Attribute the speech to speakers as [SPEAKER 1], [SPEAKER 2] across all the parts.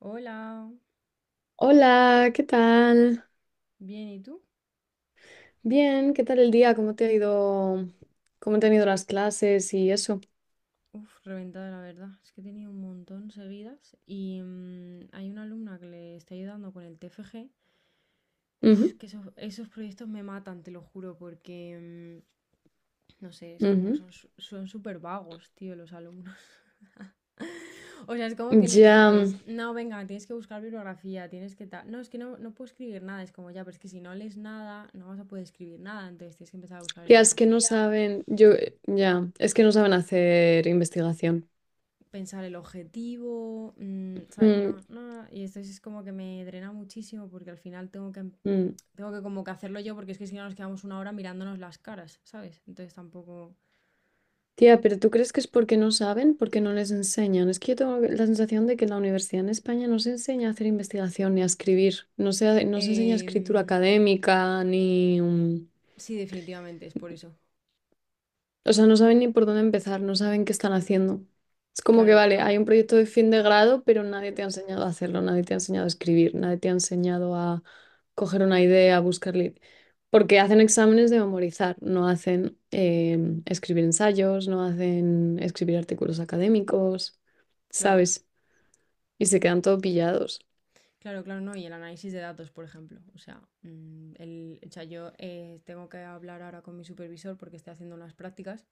[SPEAKER 1] Hola,
[SPEAKER 2] Hola, ¿qué tal?
[SPEAKER 1] bien, ¿y tú?
[SPEAKER 2] Bien, ¿qué tal el día? ¿Cómo te ha ido? ¿Cómo te han ido las clases y eso?
[SPEAKER 1] Uf, reventada la verdad, es que he tenido un montón seguidas y hay una alumna que le está ayudando con el TFG. Uf,
[SPEAKER 2] Ujú,
[SPEAKER 1] que esos proyectos me matan, te lo juro, porque no sé, es como que
[SPEAKER 2] ujú.
[SPEAKER 1] son son súper vagos, tío, los alumnos. O sea, es como que les
[SPEAKER 2] Ya,
[SPEAKER 1] dices, no, venga, tienes que buscar bibliografía, tienes que tal. No, es que no puedo escribir nada, es como ya, pero es que si no lees nada, no vas a poder escribir nada, entonces tienes que empezar a buscar
[SPEAKER 2] ya es que no
[SPEAKER 1] bibliografía.
[SPEAKER 2] saben, ya, es que no saben hacer investigación.
[SPEAKER 1] Pensar el objetivo, ¿sabes?
[SPEAKER 2] Mm,
[SPEAKER 1] No, y esto es como que me drena muchísimo porque al final tengo que,
[SPEAKER 2] mm.
[SPEAKER 1] tengo que como que hacerlo yo porque es que si no nos quedamos una hora mirándonos las caras, ¿sabes? Entonces tampoco...
[SPEAKER 2] Tía, pero ¿tú crees que es porque no saben, porque no les enseñan? Es que yo tengo la sensación de que en la universidad en España no se enseña a hacer investigación ni a escribir, no se enseña escritura
[SPEAKER 1] Em,
[SPEAKER 2] académica ni.
[SPEAKER 1] sí, definitivamente es por eso.
[SPEAKER 2] O sea, no saben ni por dónde empezar, no saben qué están haciendo. Es como que,
[SPEAKER 1] Claro,
[SPEAKER 2] vale, hay
[SPEAKER 1] no,
[SPEAKER 2] un proyecto de fin de grado, pero nadie te ha enseñado a hacerlo, nadie te ha enseñado a escribir, nadie te ha enseñado a coger una idea, a buscar. Porque hacen exámenes de memorizar, no hacen escribir ensayos, no hacen escribir artículos académicos,
[SPEAKER 1] claro.
[SPEAKER 2] ¿sabes? Y se quedan todo pillados.
[SPEAKER 1] Claro, claro, no. Y el análisis de datos, por ejemplo. O sea, el, o sea, yo tengo que hablar ahora con mi supervisor porque estoy haciendo unas prácticas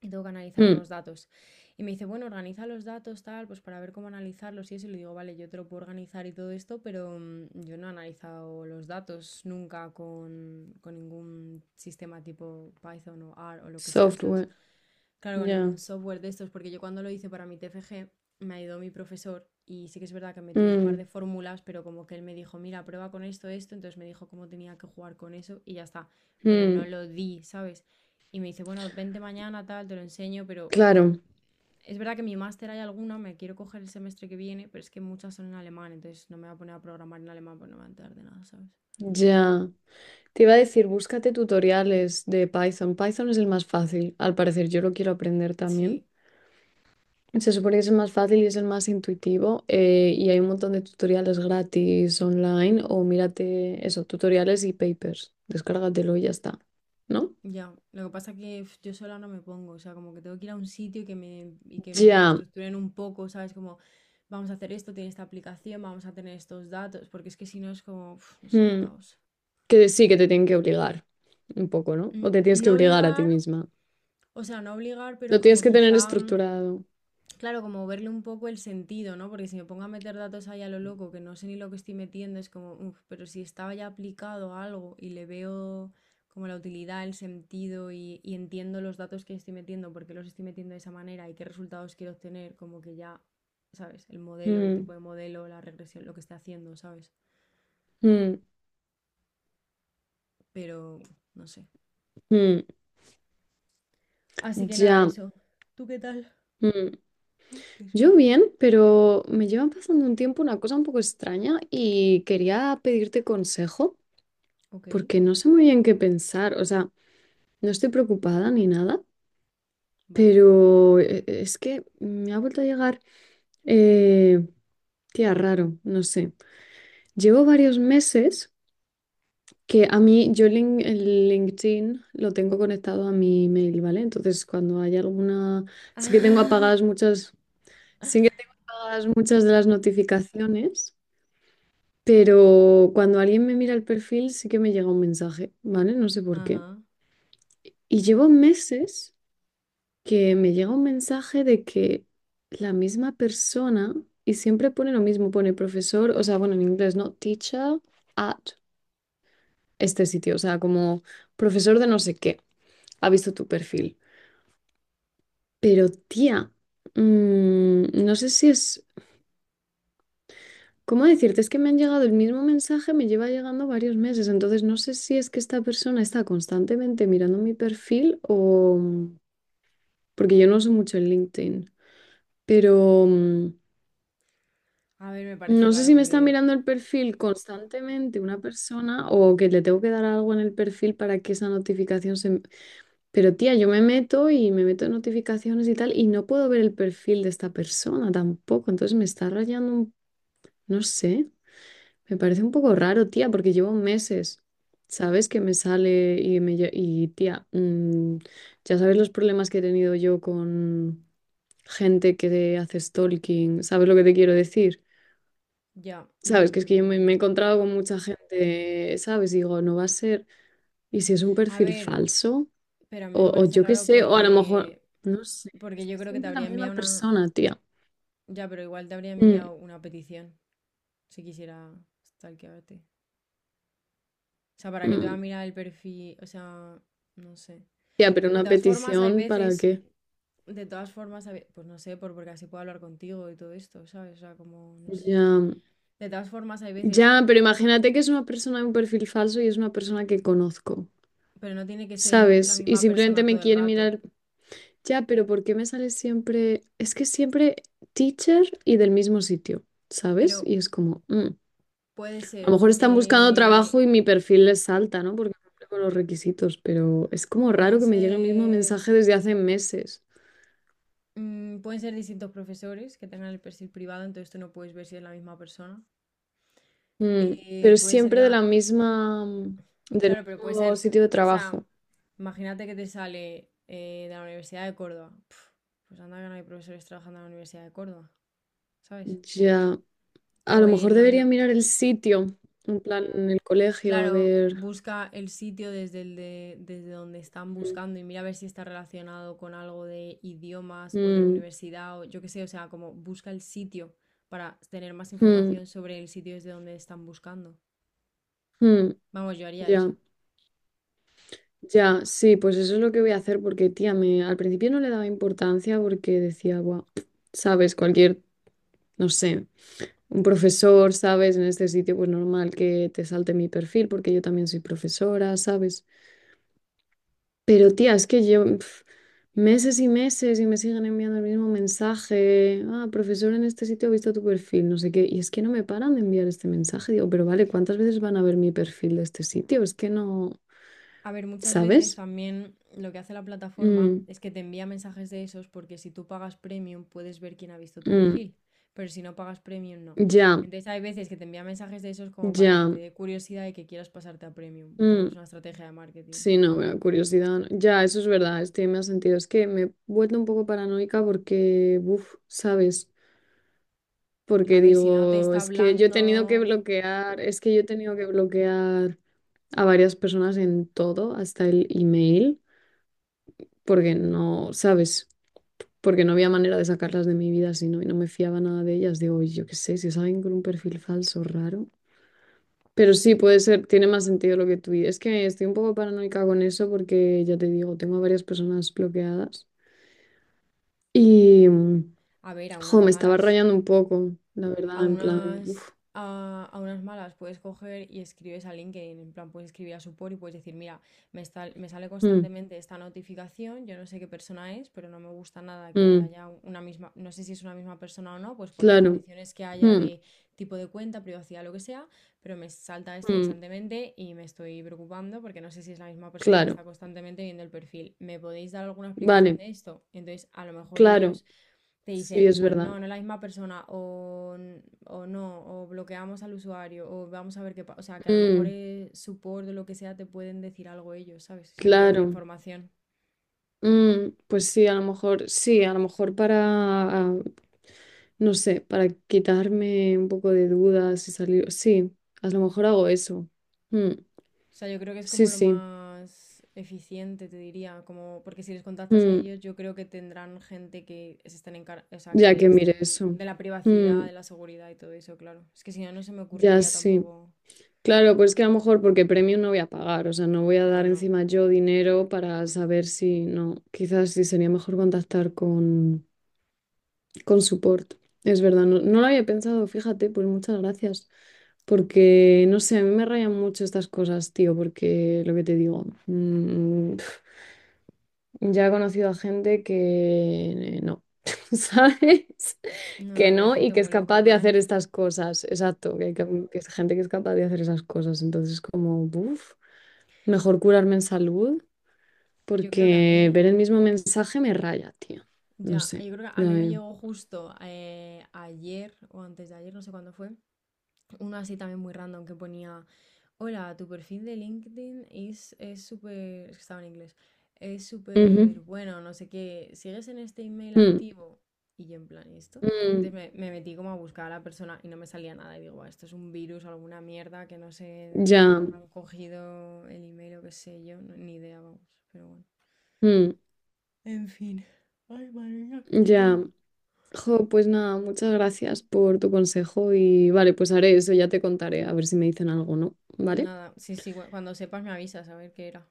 [SPEAKER 1] y tengo que analizar
[SPEAKER 2] Mm.
[SPEAKER 1] unos datos. Y me dice, bueno, organiza los datos, tal, pues para ver cómo analizarlos y eso. Y le digo, vale, yo te lo puedo organizar y todo esto, pero yo no he analizado los datos nunca con, con ningún sistema tipo Python o R o lo que sea, ¿sabes?
[SPEAKER 2] Software,
[SPEAKER 1] Claro, con
[SPEAKER 2] ya.
[SPEAKER 1] ningún software de estos, porque yo cuando lo hice para mi TFG me ayudó mi profesor y sí que es verdad que metí un par de
[SPEAKER 2] Mm,
[SPEAKER 1] fórmulas, pero como que él me dijo, mira, prueba con esto, esto, entonces me dijo cómo tenía que jugar con eso y ya está, pero no
[SPEAKER 2] mm,
[SPEAKER 1] lo di, ¿sabes? Y me dice, bueno, vente mañana, tal, te lo enseño, pero
[SPEAKER 2] claro,
[SPEAKER 1] es verdad que mi máster hay alguna, me quiero coger el semestre que viene, pero es que muchas son en alemán, entonces no me voy a poner a programar en alemán, pues no me va a enterar de nada, ¿sabes?
[SPEAKER 2] ya. Te iba a decir, búscate tutoriales de Python. Python es el más fácil, al parecer. Yo lo quiero aprender también.
[SPEAKER 1] Sí,
[SPEAKER 2] Se supone que es el más fácil y es el más intuitivo. Y hay un montón de tutoriales gratis online o mírate eso, tutoriales y papers. Descárgatelo y ya está. ¿No?
[SPEAKER 1] ya, lo que pasa que uf, yo sola no me pongo, o sea, como que tengo que ir a un sitio y que me lo
[SPEAKER 2] Ya.
[SPEAKER 1] estructuren un poco, ¿sabes? Como, vamos a hacer esto, tiene esta aplicación, vamos a tener estos datos, porque es que si no es como, uf, no sé, un
[SPEAKER 2] mm,
[SPEAKER 1] caos.
[SPEAKER 2] Que sí, que te tienen que obligar un poco, ¿no?
[SPEAKER 1] Mm,
[SPEAKER 2] O te tienes que
[SPEAKER 1] no
[SPEAKER 2] obligar a ti
[SPEAKER 1] obligar,
[SPEAKER 2] misma.
[SPEAKER 1] o sea, no obligar, pero
[SPEAKER 2] Lo tienes
[SPEAKER 1] como
[SPEAKER 2] que tener
[SPEAKER 1] quizá
[SPEAKER 2] estructurado.
[SPEAKER 1] claro, como verle un poco el sentido, ¿no? Porque si me pongo a meter datos ahí a lo loco, que no sé ni lo que estoy metiendo, es como, uff, pero si estaba ya aplicado a algo y le veo como la utilidad, el sentido y entiendo los datos que estoy metiendo, por qué los estoy metiendo de esa manera y qué resultados quiero obtener, como que ya, ¿sabes? El modelo, el
[SPEAKER 2] Mm,
[SPEAKER 1] tipo de modelo, la regresión, lo que esté haciendo, ¿sabes?
[SPEAKER 2] mm,
[SPEAKER 1] Pero, no sé.
[SPEAKER 2] mm.
[SPEAKER 1] Así que nada,
[SPEAKER 2] Ya.
[SPEAKER 1] eso. ¿Tú qué tal?
[SPEAKER 2] mm.
[SPEAKER 1] Ay, qué
[SPEAKER 2] Yo
[SPEAKER 1] sueño.
[SPEAKER 2] bien, pero me llevan pasando un tiempo una cosa un poco extraña y quería pedirte consejo
[SPEAKER 1] Ok,
[SPEAKER 2] porque no sé muy bien qué pensar. O sea, no estoy preocupada ni nada,
[SPEAKER 1] vale,
[SPEAKER 2] pero es que me ha vuelto a llegar, eh, tía, raro, no sé. Llevo varios meses que a
[SPEAKER 1] verás.
[SPEAKER 2] mí, yo lin- el LinkedIn lo tengo conectado a mi email, ¿vale? Entonces, cuando hay alguna, sí que tengo apagadas muchas, sí que tengo apagadas muchas de las notificaciones. Pero cuando alguien me mira el perfil, sí que me llega un mensaje, ¿vale? No sé por qué.
[SPEAKER 1] Ajá.
[SPEAKER 2] Y llevo meses que me llega un mensaje de que la misma persona, y siempre pone lo mismo, pone profesor, o sea, bueno, en inglés, ¿no? Teacher at este sitio, o sea, como profesor de no sé qué, ha visto tu perfil. Pero tía, no sé si es. ¿Cómo decirte? Es que me han llegado el mismo mensaje, me lleva llegando varios meses, entonces no sé si es que esta persona está constantemente mirando mi perfil o porque yo no uso mucho el LinkedIn, pero
[SPEAKER 1] A ver, me parece
[SPEAKER 2] no sé
[SPEAKER 1] raro
[SPEAKER 2] si me está
[SPEAKER 1] porque
[SPEAKER 2] mirando el perfil constantemente una persona o que le tengo que dar algo en el perfil para que esa notificación se. Pero tía, yo me meto y me meto en notificaciones y tal y no puedo ver el perfil de esta persona tampoco, entonces me está rayando un. No sé. Me parece un poco raro, tía, porque llevo meses, ¿sabes? Que me sale. Y tía, ya sabes los problemas que he tenido yo con gente que hace stalking, ¿sabes lo que te quiero decir?
[SPEAKER 1] ya.
[SPEAKER 2] ¿Sabes? Que es que yo me,
[SPEAKER 1] Mm.
[SPEAKER 2] me he encontrado con mucha gente, ¿sabes? Digo, no va a ser. ¿Y si es un
[SPEAKER 1] A
[SPEAKER 2] perfil
[SPEAKER 1] ver,
[SPEAKER 2] falso?
[SPEAKER 1] pero a mí me
[SPEAKER 2] O
[SPEAKER 1] parece
[SPEAKER 2] yo qué
[SPEAKER 1] raro
[SPEAKER 2] sé, o a lo mejor.
[SPEAKER 1] porque,
[SPEAKER 2] No sé,
[SPEAKER 1] porque
[SPEAKER 2] es que
[SPEAKER 1] yo creo que te
[SPEAKER 2] siempre la
[SPEAKER 1] habría
[SPEAKER 2] misma
[SPEAKER 1] enviado una...
[SPEAKER 2] persona, tía.
[SPEAKER 1] Ya, pero igual te habría
[SPEAKER 2] Mm,
[SPEAKER 1] enviado una petición si quisiera stalkearte. O sea, ¿para qué te va a
[SPEAKER 2] mm.
[SPEAKER 1] mirar el perfil? O sea, no sé.
[SPEAKER 2] Tía, pero
[SPEAKER 1] De
[SPEAKER 2] una
[SPEAKER 1] todas formas, hay
[SPEAKER 2] petición, ¿para
[SPEAKER 1] veces...
[SPEAKER 2] qué?
[SPEAKER 1] De todas formas, pues no sé, porque así puedo hablar contigo y todo esto, ¿sabes? O sea, como, no sé.
[SPEAKER 2] Ya.
[SPEAKER 1] De todas formas, hay
[SPEAKER 2] Ya,
[SPEAKER 1] veces,
[SPEAKER 2] pero imagínate que es una persona de un perfil falso y es una persona que conozco,
[SPEAKER 1] pero no tiene que ser el la
[SPEAKER 2] ¿sabes? Y
[SPEAKER 1] misma
[SPEAKER 2] simplemente
[SPEAKER 1] persona
[SPEAKER 2] me
[SPEAKER 1] todo el
[SPEAKER 2] quiere
[SPEAKER 1] rato.
[SPEAKER 2] mirar. Ya, pero ¿por qué me sale siempre? Es que siempre teacher y del mismo sitio, ¿sabes?
[SPEAKER 1] Pero
[SPEAKER 2] Y es como, mm.
[SPEAKER 1] puede
[SPEAKER 2] A lo
[SPEAKER 1] ser...
[SPEAKER 2] mejor están buscando trabajo y mi perfil les salta, ¿no? Porque cumple con los requisitos, pero es como raro
[SPEAKER 1] pueden
[SPEAKER 2] que me llegue el mismo
[SPEAKER 1] ser,
[SPEAKER 2] mensaje desde hace meses.
[SPEAKER 1] pueden ser distintos profesores que tengan el perfil privado, entonces tú no puedes ver si es la misma persona.
[SPEAKER 2] Mm, Pero
[SPEAKER 1] Puede ser,
[SPEAKER 2] siempre de la misma, del
[SPEAKER 1] claro, pero puede
[SPEAKER 2] mismo
[SPEAKER 1] ser,
[SPEAKER 2] sitio de
[SPEAKER 1] o sea,
[SPEAKER 2] trabajo.
[SPEAKER 1] imagínate que te sale de la Universidad de Córdoba. Pf, pues anda que no hay profesores trabajando en la Universidad de Córdoba, ¿sabes?
[SPEAKER 2] Ya. A
[SPEAKER 1] O
[SPEAKER 2] lo mejor
[SPEAKER 1] en la
[SPEAKER 2] debería mirar el sitio, en plan, en el colegio, a
[SPEAKER 1] claro,
[SPEAKER 2] ver.
[SPEAKER 1] busca el sitio desde el de, desde donde están
[SPEAKER 2] Mm,
[SPEAKER 1] buscando y mira a ver si está relacionado con algo de idiomas o de
[SPEAKER 2] mm,
[SPEAKER 1] universidad o yo qué sé, o sea, como busca el sitio para tener más
[SPEAKER 2] mm,
[SPEAKER 1] información sobre el sitio desde donde están buscando.
[SPEAKER 2] mm,
[SPEAKER 1] Vamos, yo haría
[SPEAKER 2] ya,
[SPEAKER 1] eso.
[SPEAKER 2] ya, sí, pues eso es lo que voy a hacer porque, tía, al principio no le daba importancia porque decía, guau, sabes, cualquier, no sé, un profesor, sabes, en este sitio, pues normal que te salte mi perfil porque yo también soy profesora, ¿sabes? Pero tía, es que yo meses y meses y me siguen enviando el mismo mensaje. Ah, profesor, en este sitio he visto tu perfil, no sé qué. Y es que no me paran de enviar este mensaje. Digo, pero vale, ¿cuántas veces van a ver mi perfil de este sitio? Es que no,
[SPEAKER 1] A ver, muchas veces
[SPEAKER 2] ¿sabes?
[SPEAKER 1] también lo que hace la plataforma
[SPEAKER 2] Mm,
[SPEAKER 1] es que te envía mensajes de esos porque si tú pagas premium puedes ver quién ha visto tu
[SPEAKER 2] mm,
[SPEAKER 1] perfil, pero si no pagas premium no.
[SPEAKER 2] ya,
[SPEAKER 1] Entonces hay veces que te envía mensajes de esos como para que te
[SPEAKER 2] ya.
[SPEAKER 1] dé curiosidad y que quieras pasarte a premium.
[SPEAKER 2] mm,
[SPEAKER 1] También es una estrategia de marketing.
[SPEAKER 2] sí, no, bueno, curiosidad. No. Ya, eso es verdad, estoy me ha sentido. Es que me he vuelto un poco paranoica porque, ¿sabes?
[SPEAKER 1] A
[SPEAKER 2] Porque
[SPEAKER 1] ver, si no te
[SPEAKER 2] digo,
[SPEAKER 1] está hablando,
[SPEAKER 2] es que yo he tenido que bloquear a varias personas en todo, hasta el email, porque no, ¿sabes? Porque no había manera de sacarlas de mi vida si no, y no me fiaba nada de ellas. Digo, "Oye, yo qué sé, si salen con un perfil falso, raro. Pero sí, puede ser, tiene más sentido lo que tú dices. Es que estoy un poco paranoica con eso porque ya te digo, tengo a varias personas bloqueadas y,
[SPEAKER 1] a ver, a
[SPEAKER 2] jo,
[SPEAKER 1] unas
[SPEAKER 2] me estaba
[SPEAKER 1] malas,
[SPEAKER 2] rayando un poco, la
[SPEAKER 1] a
[SPEAKER 2] verdad, en plan,
[SPEAKER 1] unas, a unas malas puedes coger y escribes a LinkedIn, en plan puedes escribir a support y puedes decir, mira, me sale
[SPEAKER 2] mm,
[SPEAKER 1] constantemente esta notificación, yo no sé qué persona es, pero no me gusta nada que
[SPEAKER 2] mm,
[SPEAKER 1] haya una misma, no sé si es una misma persona o no, pues por las
[SPEAKER 2] claro,
[SPEAKER 1] condiciones que haya
[SPEAKER 2] mm,
[SPEAKER 1] de tipo de cuenta, privacidad, lo que sea, pero me salta esto
[SPEAKER 2] mm,
[SPEAKER 1] constantemente y me estoy preocupando porque no sé si es la misma persona que
[SPEAKER 2] claro,
[SPEAKER 1] está constantemente viendo el perfil. ¿Me podéis dar alguna explicación
[SPEAKER 2] vale,
[SPEAKER 1] de esto? Entonces, a lo mejor
[SPEAKER 2] claro,
[SPEAKER 1] ellos te
[SPEAKER 2] sí,
[SPEAKER 1] dicen,
[SPEAKER 2] es
[SPEAKER 1] pues
[SPEAKER 2] verdad.
[SPEAKER 1] no, no es la misma persona, o no, o bloqueamos al usuario, o vamos a ver qué pasa. O sea, que a lo mejor
[SPEAKER 2] Mm.
[SPEAKER 1] es support o lo que sea, te pueden decir algo ellos, ¿sabes? Si envías la
[SPEAKER 2] Claro,
[SPEAKER 1] información.
[SPEAKER 2] mm, pues sí, a lo mejor, sí, a lo mejor para, ah, no sé, para quitarme un poco de dudas y salir, sí, a lo mejor hago eso. Mm,
[SPEAKER 1] O sea, yo creo que es
[SPEAKER 2] sí,
[SPEAKER 1] como lo
[SPEAKER 2] sí,
[SPEAKER 1] más eficiente, te diría, como porque si les contactas a
[SPEAKER 2] mm,
[SPEAKER 1] ellos, yo creo que tendrán gente que se estén o sea,
[SPEAKER 2] ya
[SPEAKER 1] que
[SPEAKER 2] que mire
[SPEAKER 1] estén
[SPEAKER 2] eso.
[SPEAKER 1] de la privacidad,
[SPEAKER 2] Mm,
[SPEAKER 1] de la seguridad y todo eso, claro. Es que si no, no se me
[SPEAKER 2] ya
[SPEAKER 1] ocurriría
[SPEAKER 2] sí.
[SPEAKER 1] tampoco.
[SPEAKER 2] Claro, pues que a lo mejor porque premio no voy a pagar, o sea, no voy a
[SPEAKER 1] No,
[SPEAKER 2] dar
[SPEAKER 1] no.
[SPEAKER 2] encima yo dinero para saber si no, quizás sí sería mejor contactar con support. Es verdad, no, no lo había pensado, fíjate, pues muchas gracias. Porque, no sé, a mí me rayan mucho estas cosas, tío, porque lo que te digo, ya he conocido a gente que no, ¿sabes?
[SPEAKER 1] No,
[SPEAKER 2] Que
[SPEAKER 1] no, que hay
[SPEAKER 2] no y
[SPEAKER 1] gente
[SPEAKER 2] que es
[SPEAKER 1] muy loca
[SPEAKER 2] capaz de
[SPEAKER 1] por ahí.
[SPEAKER 2] hacer estas cosas, exacto, que es gente que es capaz de hacer esas cosas. Entonces, como, mejor curarme en salud,
[SPEAKER 1] Yo creo que a
[SPEAKER 2] porque
[SPEAKER 1] mí
[SPEAKER 2] ver el mismo mensaje me raya, tío. No
[SPEAKER 1] ya,
[SPEAKER 2] sé,
[SPEAKER 1] yo creo que a
[SPEAKER 2] ya
[SPEAKER 1] mí me
[SPEAKER 2] veo.
[SPEAKER 1] llegó justo ayer o antes de ayer, no sé cuándo fue, uno así también muy random que ponía, hola, tu perfil de LinkedIn es súper, es que estaba en inglés, es súper
[SPEAKER 2] Ujú,
[SPEAKER 1] bueno, no sé qué, ¿sigues en este email
[SPEAKER 2] mm,
[SPEAKER 1] activo? Y yo en plan, ¿y esto?
[SPEAKER 2] mm,
[SPEAKER 1] Entonces me metí como a buscar a la persona y no me salía nada y digo, "Buah, esto es un virus alguna mierda que no sé cómo
[SPEAKER 2] ya,
[SPEAKER 1] habrán cogido el email o qué sé yo, ni idea, vamos, pero bueno.
[SPEAKER 2] mm,
[SPEAKER 1] En fin. Ay, madre mía, qué
[SPEAKER 2] ya.
[SPEAKER 1] sueño.
[SPEAKER 2] Jo, pues nada, muchas gracias por tu consejo y vale, pues haré eso, ya te contaré, a ver si me dicen algo, ¿no? ¿Vale?
[SPEAKER 1] Nada, sí, sí, cuando sepas me avisas a ver qué era.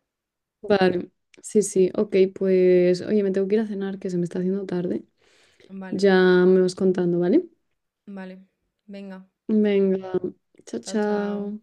[SPEAKER 2] Vale, sí, sí, ok, pues oye, me tengo que ir a cenar, que se me está haciendo tarde.
[SPEAKER 1] Vale,
[SPEAKER 2] Ya me vas contando, ¿vale?
[SPEAKER 1] vale. Venga,
[SPEAKER 2] Venga, chao,
[SPEAKER 1] chao, chao.
[SPEAKER 2] chao.